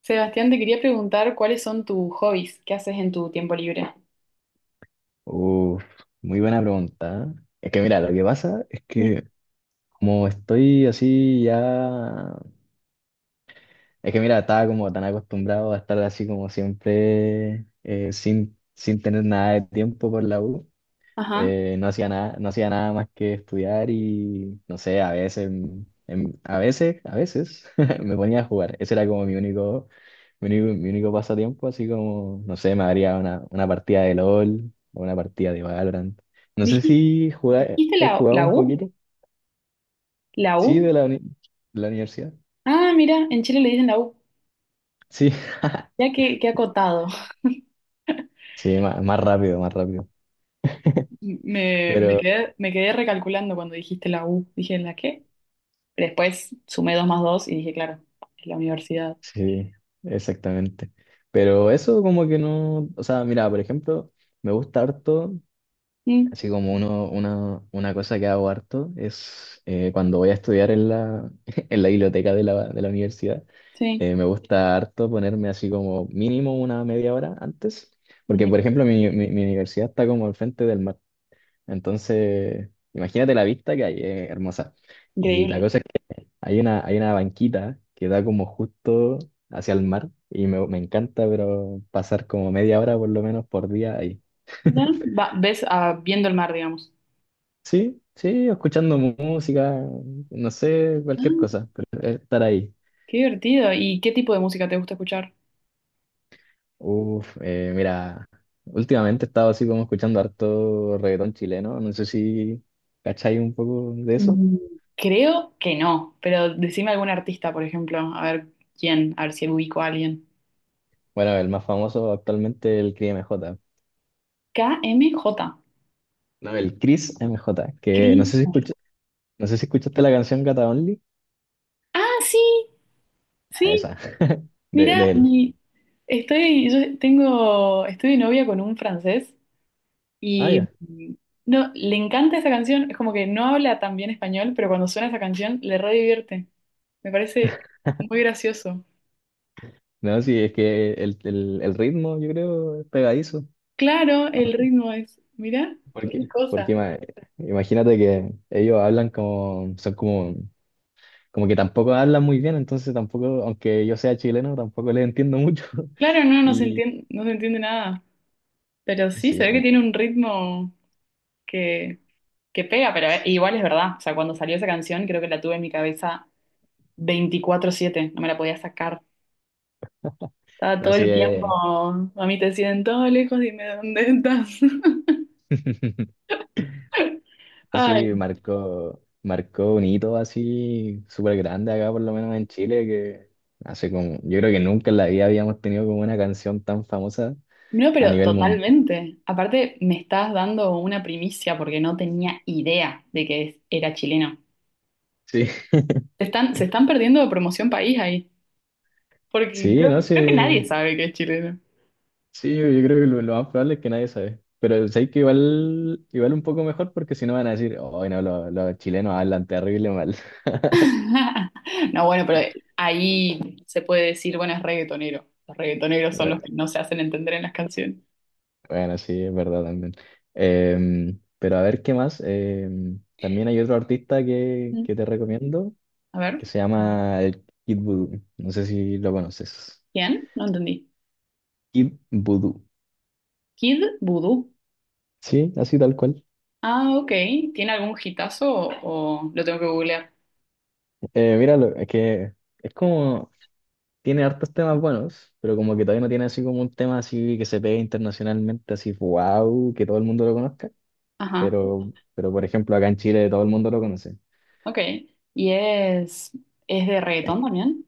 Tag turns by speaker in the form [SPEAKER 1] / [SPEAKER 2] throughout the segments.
[SPEAKER 1] Sebastián, te quería preguntar cuáles son tus hobbies, qué haces en tu tiempo libre.
[SPEAKER 2] Uf, muy buena pregunta. ¿Eh? Es que mira, lo que pasa es
[SPEAKER 1] Mm.
[SPEAKER 2] que como estoy así ya... Es que mira, estaba como tan acostumbrado a estar así como siempre sin tener nada de tiempo por la U.
[SPEAKER 1] Ajá.
[SPEAKER 2] No hacía nada más que estudiar y no sé, a veces, a veces me ponía a jugar. Ese era como mi único pasatiempo, así como, no sé, me daría una partida de LOL o una partida de Valorant. No sé
[SPEAKER 1] ¿Dijiste,
[SPEAKER 2] si jugáis,
[SPEAKER 1] dijiste
[SPEAKER 2] ¿hay
[SPEAKER 1] la,
[SPEAKER 2] jugado
[SPEAKER 1] la
[SPEAKER 2] un
[SPEAKER 1] U?
[SPEAKER 2] poquito?
[SPEAKER 1] ¿La
[SPEAKER 2] Sí,
[SPEAKER 1] U?
[SPEAKER 2] de la universidad.
[SPEAKER 1] Ah, mira, en Chile le dicen la U.
[SPEAKER 2] Sí,
[SPEAKER 1] Ya que acotado.
[SPEAKER 2] sí, más rápido, más rápido.
[SPEAKER 1] Me, me
[SPEAKER 2] Pero
[SPEAKER 1] quedé, me quedé recalculando cuando dijiste la U. Dije, ¿la qué? Después sumé dos más dos y dije, claro, es la universidad.
[SPEAKER 2] sí, exactamente. Pero eso como que no, o sea, mira, por ejemplo, me gusta harto.
[SPEAKER 1] Mm,
[SPEAKER 2] Así como una cosa que hago harto es cuando voy a estudiar en en la biblioteca de de la universidad.
[SPEAKER 1] sí.
[SPEAKER 2] Me gusta harto ponerme así como mínimo una media hora antes, porque
[SPEAKER 1] Ujú.
[SPEAKER 2] por ejemplo mi universidad está como al frente del mar, entonces imagínate la vista que hay, es hermosa. Y la
[SPEAKER 1] Increíble.
[SPEAKER 2] cosa es que hay una banquita que da como justo hacia el mar y me encanta, pero pasar como media hora por lo menos por día ahí.
[SPEAKER 1] Ya, ves viendo el mar, digamos.
[SPEAKER 2] Sí, sí, escuchando música, no sé, cualquier
[SPEAKER 1] Ah,
[SPEAKER 2] cosa, pero estar ahí.
[SPEAKER 1] qué divertido. ¿Y qué tipo de música te gusta escuchar?
[SPEAKER 2] Mira, últimamente he estado así como escuchando harto reggaetón chileno, no sé si cacháis un poco de eso.
[SPEAKER 1] Mm, Creo que no, pero decime algún artista, por ejemplo, a ver quién, a ver si ubico a alguien.
[SPEAKER 2] Bueno, el más famoso actualmente el Cris M J.
[SPEAKER 1] K M J.
[SPEAKER 2] No, el Cris M J, que
[SPEAKER 1] Cristo.
[SPEAKER 2] no sé si escuchaste la canción Gata Only.
[SPEAKER 1] Ah, sí,
[SPEAKER 2] Ah,
[SPEAKER 1] sí.
[SPEAKER 2] esa, de
[SPEAKER 1] Mira,
[SPEAKER 2] él.
[SPEAKER 1] mi, estoy, yo tengo, estoy de novia con un francés
[SPEAKER 2] Ah,
[SPEAKER 1] y
[SPEAKER 2] ya.
[SPEAKER 1] no, le encanta esa canción. Es como que no habla tan bien español, pero cuando suena esa canción le re divierte. Me parece muy gracioso.
[SPEAKER 2] No, sí, es que el ritmo yo creo es pegadizo.
[SPEAKER 1] Claro, el ritmo es, mira, qué
[SPEAKER 2] Porque,
[SPEAKER 1] cosa.
[SPEAKER 2] porque ima- Imagínate que ellos hablan como, son como, como que tampoco hablan muy bien, entonces tampoco, aunque yo sea chileno, tampoco les entiendo mucho.
[SPEAKER 1] Claro, no, no se
[SPEAKER 2] Y
[SPEAKER 1] entiende, no se entiende nada. Pero sí, se
[SPEAKER 2] sí,
[SPEAKER 1] ve que
[SPEAKER 2] en-
[SPEAKER 1] tiene un ritmo que, que pega, pero
[SPEAKER 2] sí,
[SPEAKER 1] igual es verdad. O sea, cuando salió esa canción, creo que la tuve en mi cabeza 24/7, no me la podía sacar. Estaba todo
[SPEAKER 2] así
[SPEAKER 1] el tiempo,
[SPEAKER 2] es,
[SPEAKER 1] a mí te siento lejos, dime dónde estás. Ay,
[SPEAKER 2] así marcó, marcó un hito así súper grande acá, por lo menos en Chile, que hace como, yo creo que nunca en la vida habíamos tenido como una canción tan famosa
[SPEAKER 1] no,
[SPEAKER 2] a
[SPEAKER 1] pero
[SPEAKER 2] nivel mundial.
[SPEAKER 1] totalmente. Aparte, me estás dando una primicia porque no tenía idea de que era chileno.
[SPEAKER 2] Sí,
[SPEAKER 1] Se están perdiendo de promoción país ahí, porque
[SPEAKER 2] sí,
[SPEAKER 1] creo,
[SPEAKER 2] no
[SPEAKER 1] creo que nadie
[SPEAKER 2] sé.
[SPEAKER 1] sabe que es chileno.
[SPEAKER 2] Sí, yo creo que lo más probable es que nadie sabe. Pero sé que igual, igual un poco mejor porque si no van a decir, oh, no, los chilenos hablan terrible mal.
[SPEAKER 1] No, bueno, pero ahí se puede decir, bueno, es reggaetonero. Los reggaetoneros son los
[SPEAKER 2] Bueno,
[SPEAKER 1] que no se hacen entender en las canciones.
[SPEAKER 2] bueno, sí, es verdad también. Pero a ver qué más. También hay otro artista
[SPEAKER 1] Mm.
[SPEAKER 2] que te recomiendo
[SPEAKER 1] A ver,
[SPEAKER 2] que se llama el Kid Voodoo. No sé si lo conoces.
[SPEAKER 1] ¿quién? No entendí.
[SPEAKER 2] Kid Voodoo.
[SPEAKER 1] Kid Voodoo.
[SPEAKER 2] Sí, así tal cual.
[SPEAKER 1] Ah, ok. ¿Tiene algún hitazo o lo tengo que googlear?
[SPEAKER 2] Míralo, es que es como tiene hartos temas buenos, pero como que todavía no tiene así como un tema así que se pegue internacionalmente, así wow, que todo el mundo lo conozca.
[SPEAKER 1] Ajá,
[SPEAKER 2] Pero por ejemplo, acá en Chile todo el mundo lo conoce.
[SPEAKER 1] ok. ¿Y es de reggaetón
[SPEAKER 2] Es-
[SPEAKER 1] también?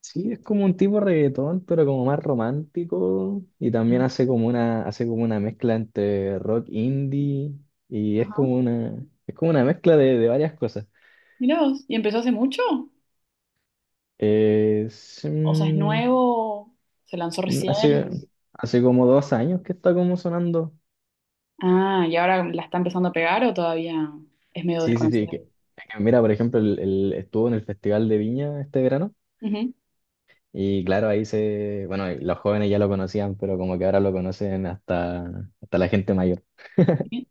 [SPEAKER 2] Sí, es como un tipo reggaetón, pero como más romántico. Y también
[SPEAKER 1] Mira.
[SPEAKER 2] hace como hace como una mezcla entre rock indie y es
[SPEAKER 1] Ajá,
[SPEAKER 2] como es como una mezcla de varias cosas.
[SPEAKER 1] mira vos. ¿Y empezó hace mucho?
[SPEAKER 2] Es,
[SPEAKER 1] O sea, ¿es
[SPEAKER 2] mm,
[SPEAKER 1] nuevo? ¿Se lanzó recién?
[SPEAKER 2] Hace, hace como dos años que está como sonando.
[SPEAKER 1] Ah, ¿y ahora la está empezando a pegar o todavía es medio
[SPEAKER 2] Sí, sí, sí,
[SPEAKER 1] desconocido?
[SPEAKER 2] que por ejemplo, estuvo en el Festival de Viña este verano
[SPEAKER 1] Ujú.
[SPEAKER 2] y claro, ahí se, bueno, y los jóvenes ya lo conocían, pero como que ahora lo conocen hasta, hasta la gente mayor.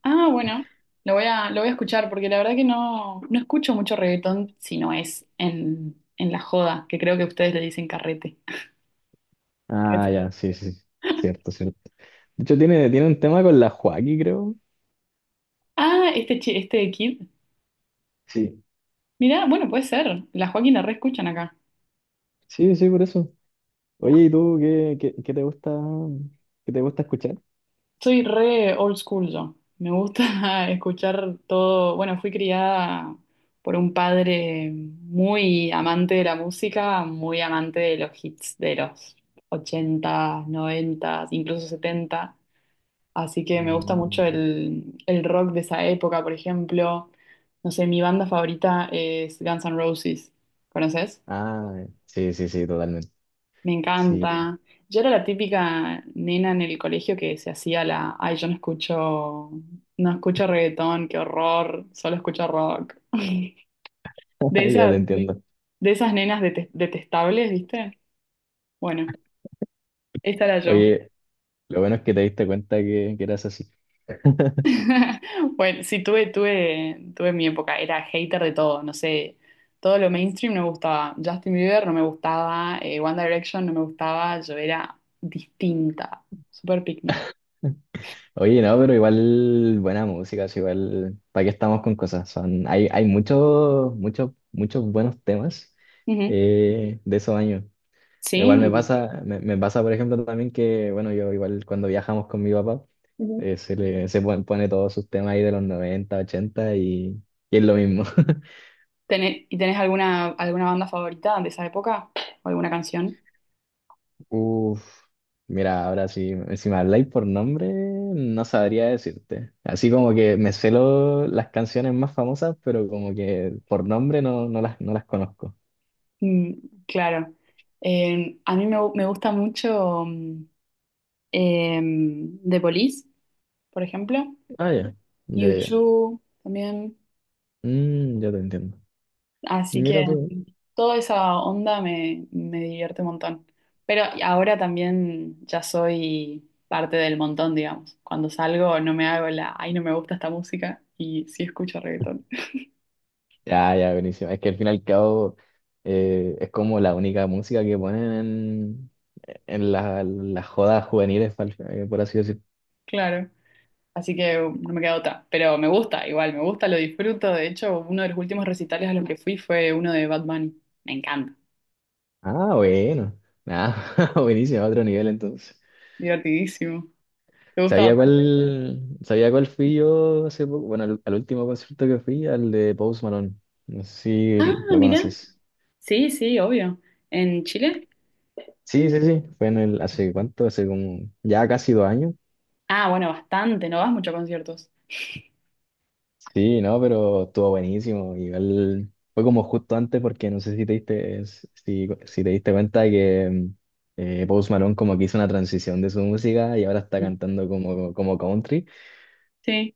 [SPEAKER 1] Ah, bueno, lo voy a escuchar porque la verdad que no escucho mucho reggaetón si no es en la joda, que creo que ustedes le dicen carrete. Puede
[SPEAKER 2] Ah,
[SPEAKER 1] ser.
[SPEAKER 2] ya, sí, sí, sí, cierto, cierto. De hecho, tiene, tiene un tema con la Joaquí, creo.
[SPEAKER 1] Ah, este, este kid.
[SPEAKER 2] Sí.
[SPEAKER 1] Mirá, bueno, puede ser. La Joaquín la re escuchan acá.
[SPEAKER 2] Sí, sí, por eso.
[SPEAKER 1] La-
[SPEAKER 2] Oye, ¿y tú qué te gusta escuchar?
[SPEAKER 1] Soy re old school yo. Me gusta escuchar todo. Bueno, fui criada por un padre muy amante de la música, muy amante de los hits de los 80, 90, incluso 70. Así que me gusta
[SPEAKER 2] Mm.
[SPEAKER 1] mucho el rock de esa época, por ejemplo. No sé, mi banda favorita es Guns N' Roses. ¿Conoces?
[SPEAKER 2] Ah, sí, sí, sí, totalmente.
[SPEAKER 1] Me, sí,
[SPEAKER 2] Sí,
[SPEAKER 1] encanta. Yo era la típica nena en el colegio que se hacía la, ay, yo no escucho reggaetón, qué horror, solo escucho rock. De
[SPEAKER 2] ya te
[SPEAKER 1] esas,
[SPEAKER 2] entiendo.
[SPEAKER 1] de esas nenas detestables, ¿viste? Bueno, esta era yo.
[SPEAKER 2] Oye, lo bueno es que te diste cuenta que eras así.
[SPEAKER 1] Bueno, sí, tuve mi época, era hater de todo, no sé, todo lo mainstream no me gustaba, Justin Bieber no me gustaba, One Direction no me gustaba, yo era distinta, super pick me.
[SPEAKER 2] Oye, no, pero igual buena música, sí, igual, ¿para qué estamos con cosas? Son, hay muchos, muchos, muchos buenos temas
[SPEAKER 1] Ujú.
[SPEAKER 2] de esos años. Igual me
[SPEAKER 1] Sí.
[SPEAKER 2] pasa, me pasa, por ejemplo, también que, bueno, yo igual cuando viajamos con mi papá,
[SPEAKER 1] Ujú.
[SPEAKER 2] se le, se pon- pone todos sus temas ahí de los 90 80 y es lo mismo.
[SPEAKER 1] ¿Y tenés alguna banda favorita de esa época? ¿O alguna canción?
[SPEAKER 2] Uf, Mira, ahora sí, si me habláis por nombre, no sabría decirte. Así como que me sé las canciones más famosas, pero como que por nombre no, no las conozco.
[SPEAKER 1] Mm, claro. A mí me gusta mucho The Police, por ejemplo,
[SPEAKER 2] Ah, ya, ya, ya.
[SPEAKER 1] U2 también.
[SPEAKER 2] Mm, ya te entiendo.
[SPEAKER 1] Así
[SPEAKER 2] Mira
[SPEAKER 1] que
[SPEAKER 2] tú.
[SPEAKER 1] toda esa onda me divierte un montón. Pero ahora también ya soy parte del montón, digamos. Cuando salgo no me hago la, ay, no me gusta esta música y sí escucho reggaetón.
[SPEAKER 2] Ya, ya, buenísimo. Es que al fin y al cabo es como la única música que ponen en las jodas juveniles, por así decir.
[SPEAKER 1] Claro. Así que no me queda otra. Pero me gusta, igual, me gusta, lo disfruto. De hecho, uno de los últimos recitales a los que fui fue uno de Bad Bunny. Me encanta.
[SPEAKER 2] Ah, bueno. Ah, buenísimo, otro nivel entonces.
[SPEAKER 1] Divertidísimo. ¿Te gusta Bad Bunny?
[SPEAKER 2] Sabía cuál fui yo hace poco? Bueno, al último concierto que fui, al de Post Malone. No sé si
[SPEAKER 1] Ah,
[SPEAKER 2] lo
[SPEAKER 1] mira.
[SPEAKER 2] conoces.
[SPEAKER 1] Sí, sí, obvio. ¿En Chile?
[SPEAKER 2] Sí, sí, sí. Fue en el, hace cuánto, hace como, ya casi dos años.
[SPEAKER 1] Ah, bueno, bastante. No vas mucho a conciertos.
[SPEAKER 2] Sí, no, pero estuvo buenísimo. Igual fue como justo antes porque no sé si te diste, si te diste cuenta que Post Malone como que hizo una transición de su música y ahora está cantando como, como country.
[SPEAKER 1] Sí,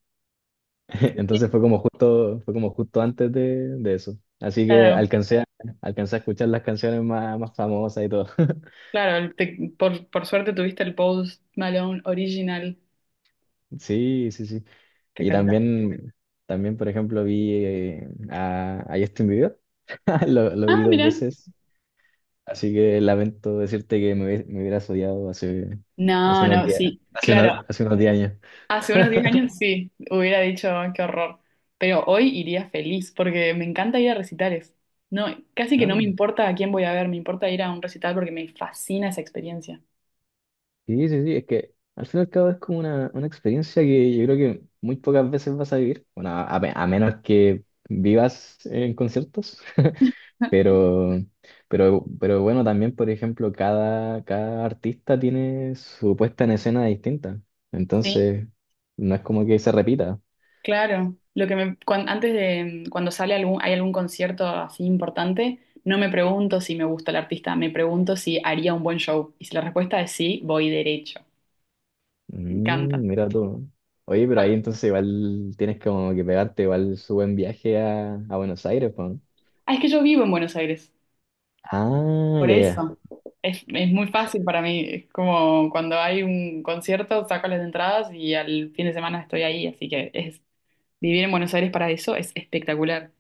[SPEAKER 1] sí, sí,
[SPEAKER 2] Entonces fue como justo antes de eso. Así que
[SPEAKER 1] claro,
[SPEAKER 2] alcancé a escuchar las canciones más, más famosas y todo.
[SPEAKER 1] claro, por suerte tuviste el Post Malone original,
[SPEAKER 2] Sí, sí, sí. Y
[SPEAKER 1] espectacular.
[SPEAKER 2] también, también por ejemplo, vi a Justin Bieber. Lo vi
[SPEAKER 1] Ah,
[SPEAKER 2] dos
[SPEAKER 1] mira.
[SPEAKER 2] veces. Así que lamento decirte que me hubieras odiado hace, hace
[SPEAKER 1] No,
[SPEAKER 2] unos
[SPEAKER 1] no,
[SPEAKER 2] días,
[SPEAKER 1] sí,
[SPEAKER 2] hace,
[SPEAKER 1] claro,
[SPEAKER 2] unos hace unos 10 años.
[SPEAKER 1] hace unos 10 años sí, hubiera dicho, "Ah, qué horror", pero hoy iría feliz porque me encanta ir a recitales. No, casi que no me
[SPEAKER 2] Ah.
[SPEAKER 1] importa a quién voy a ver, me importa ir a un recital porque me fascina esa experiencia.
[SPEAKER 2] Sí, sí, sí, es que al fin y al cabo es como una experiencia que yo creo que muy pocas veces vas a vivir, bueno, a menos que vivas en conciertos, pero, pero bueno, también, por ejemplo, cada artista tiene su puesta en escena distinta,
[SPEAKER 1] Sí.
[SPEAKER 2] entonces no es como que se repita.
[SPEAKER 1] Claro, lo que me, antes de cuando sale algún, hay algún concierto así importante, no me pregunto si me gusta el artista, me pregunto si haría un buen show. Y si la respuesta es sí, voy derecho. Me encanta.
[SPEAKER 2] Mm, mira tú. Oye, pero ahí entonces igual tienes como que pegarte igual su buen viaje a Buenos Aires, po, ¿no?
[SPEAKER 1] Ah, es que yo vivo en Buenos Aires,
[SPEAKER 2] Ah,
[SPEAKER 1] por
[SPEAKER 2] ya,
[SPEAKER 1] eso.
[SPEAKER 2] ya.
[SPEAKER 1] Es muy fácil para mí. Es como cuando hay un concierto, saco las entradas y al fin de semana estoy ahí. Así que vivir en Buenos Aires para eso es espectacular.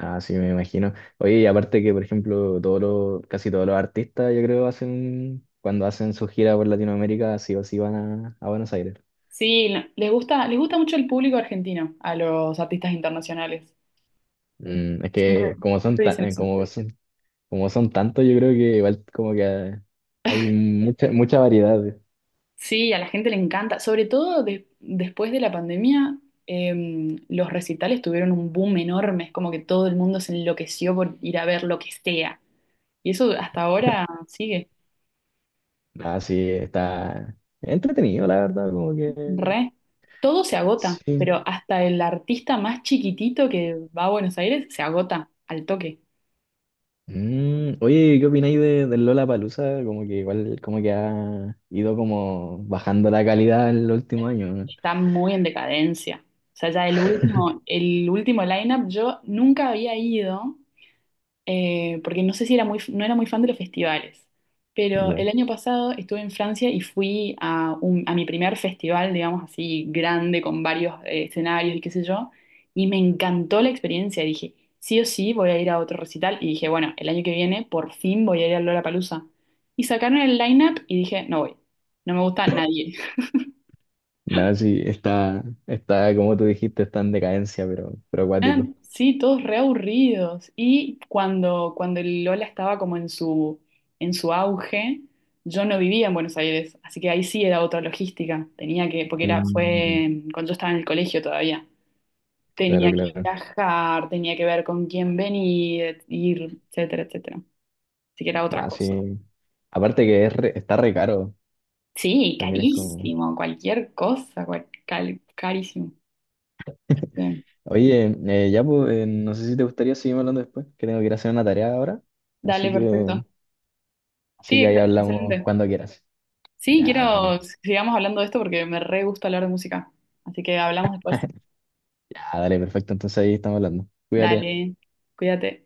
[SPEAKER 2] Ah, sí, me imagino. Oye, y aparte que, por ejemplo, todos los, casi todos los artistas, yo creo, hacen, cuando hacen su gira por Latinoamérica, sí o sí van a Buenos Aires.
[SPEAKER 1] Sí, no, les gusta mucho el público argentino a los artistas internacionales.
[SPEAKER 2] Mm, es
[SPEAKER 1] Siempre
[SPEAKER 2] que como son, ta-
[SPEAKER 1] dicen eso.
[SPEAKER 2] como son tantos, yo creo que igual como que mucha variedad.
[SPEAKER 1] Sí, a la gente le encanta, sobre todo después de la pandemia. Em, los recitales tuvieron un boom enorme, es como que todo el mundo se enloqueció por ir a ver lo que sea. Y eso hasta ahora sigue,
[SPEAKER 2] Ah, sí, está entretenido, la verdad, como que
[SPEAKER 1] re. Todo se agota,
[SPEAKER 2] sí.
[SPEAKER 1] pero hasta el artista más chiquitito que va a Buenos Aires se agota al toque.
[SPEAKER 2] Mm, oye, ¿qué opináis de, del Lollapalooza? Como que igual, como que ha ido como bajando la calidad en los últimos años,
[SPEAKER 1] Está muy en decadencia. O sea, ya el último lineup yo nunca había ido. Porque no sé si era muy, no era muy fan de los festivales, pero
[SPEAKER 2] ¿no?
[SPEAKER 1] el año pasado estuve en Francia y fui a mi primer festival, digamos así, grande, con varios escenarios y qué sé yo, y me encantó la experiencia. Dije, sí o sí voy a ir a otro recital, y dije, bueno, el año que viene por fin voy a ir a Lollapalooza. Y sacaron el line-up y dije, no voy, no me gusta nadie.
[SPEAKER 2] Nada, sí, está, como tú dijiste, está en decadencia, pero acuático.
[SPEAKER 1] Eran, sí, todos reaburridos. Y cuando el Lola estaba como en su auge, yo no vivía en Buenos Aires, así que ahí sí era otra logística. Tenía que, porque era,
[SPEAKER 2] Mm,
[SPEAKER 1] fue cuando yo estaba en el colegio todavía.
[SPEAKER 2] claro,
[SPEAKER 1] Tenía que
[SPEAKER 2] claro.
[SPEAKER 1] viajar, tenía que ver con quién venir, ir, etcétera, etcétera. Así que era otra
[SPEAKER 2] Nada,
[SPEAKER 1] cosa.
[SPEAKER 2] sí. Aparte que está re caro,
[SPEAKER 1] Sí,
[SPEAKER 2] también es como...
[SPEAKER 1] carísimo, cualquier cosa, carísimo. Bien.
[SPEAKER 2] Oye, no sé si te gustaría seguir hablando después, que tengo que ir a hacer una tarea ahora.
[SPEAKER 1] Dale,
[SPEAKER 2] Así que,
[SPEAKER 1] perfecto.
[SPEAKER 2] así
[SPEAKER 1] Sí,
[SPEAKER 2] que ahí hablamos
[SPEAKER 1] excelente.
[SPEAKER 2] cuando quieras.
[SPEAKER 1] Sí,
[SPEAKER 2] Ya, dale.
[SPEAKER 1] quiero, sigamos hablando de esto porque me re gusta hablar de música. Así que hablamos después.
[SPEAKER 2] Ya, dale, perfecto. Entonces ahí estamos hablando. Cuídate.
[SPEAKER 1] Dale, cuídate.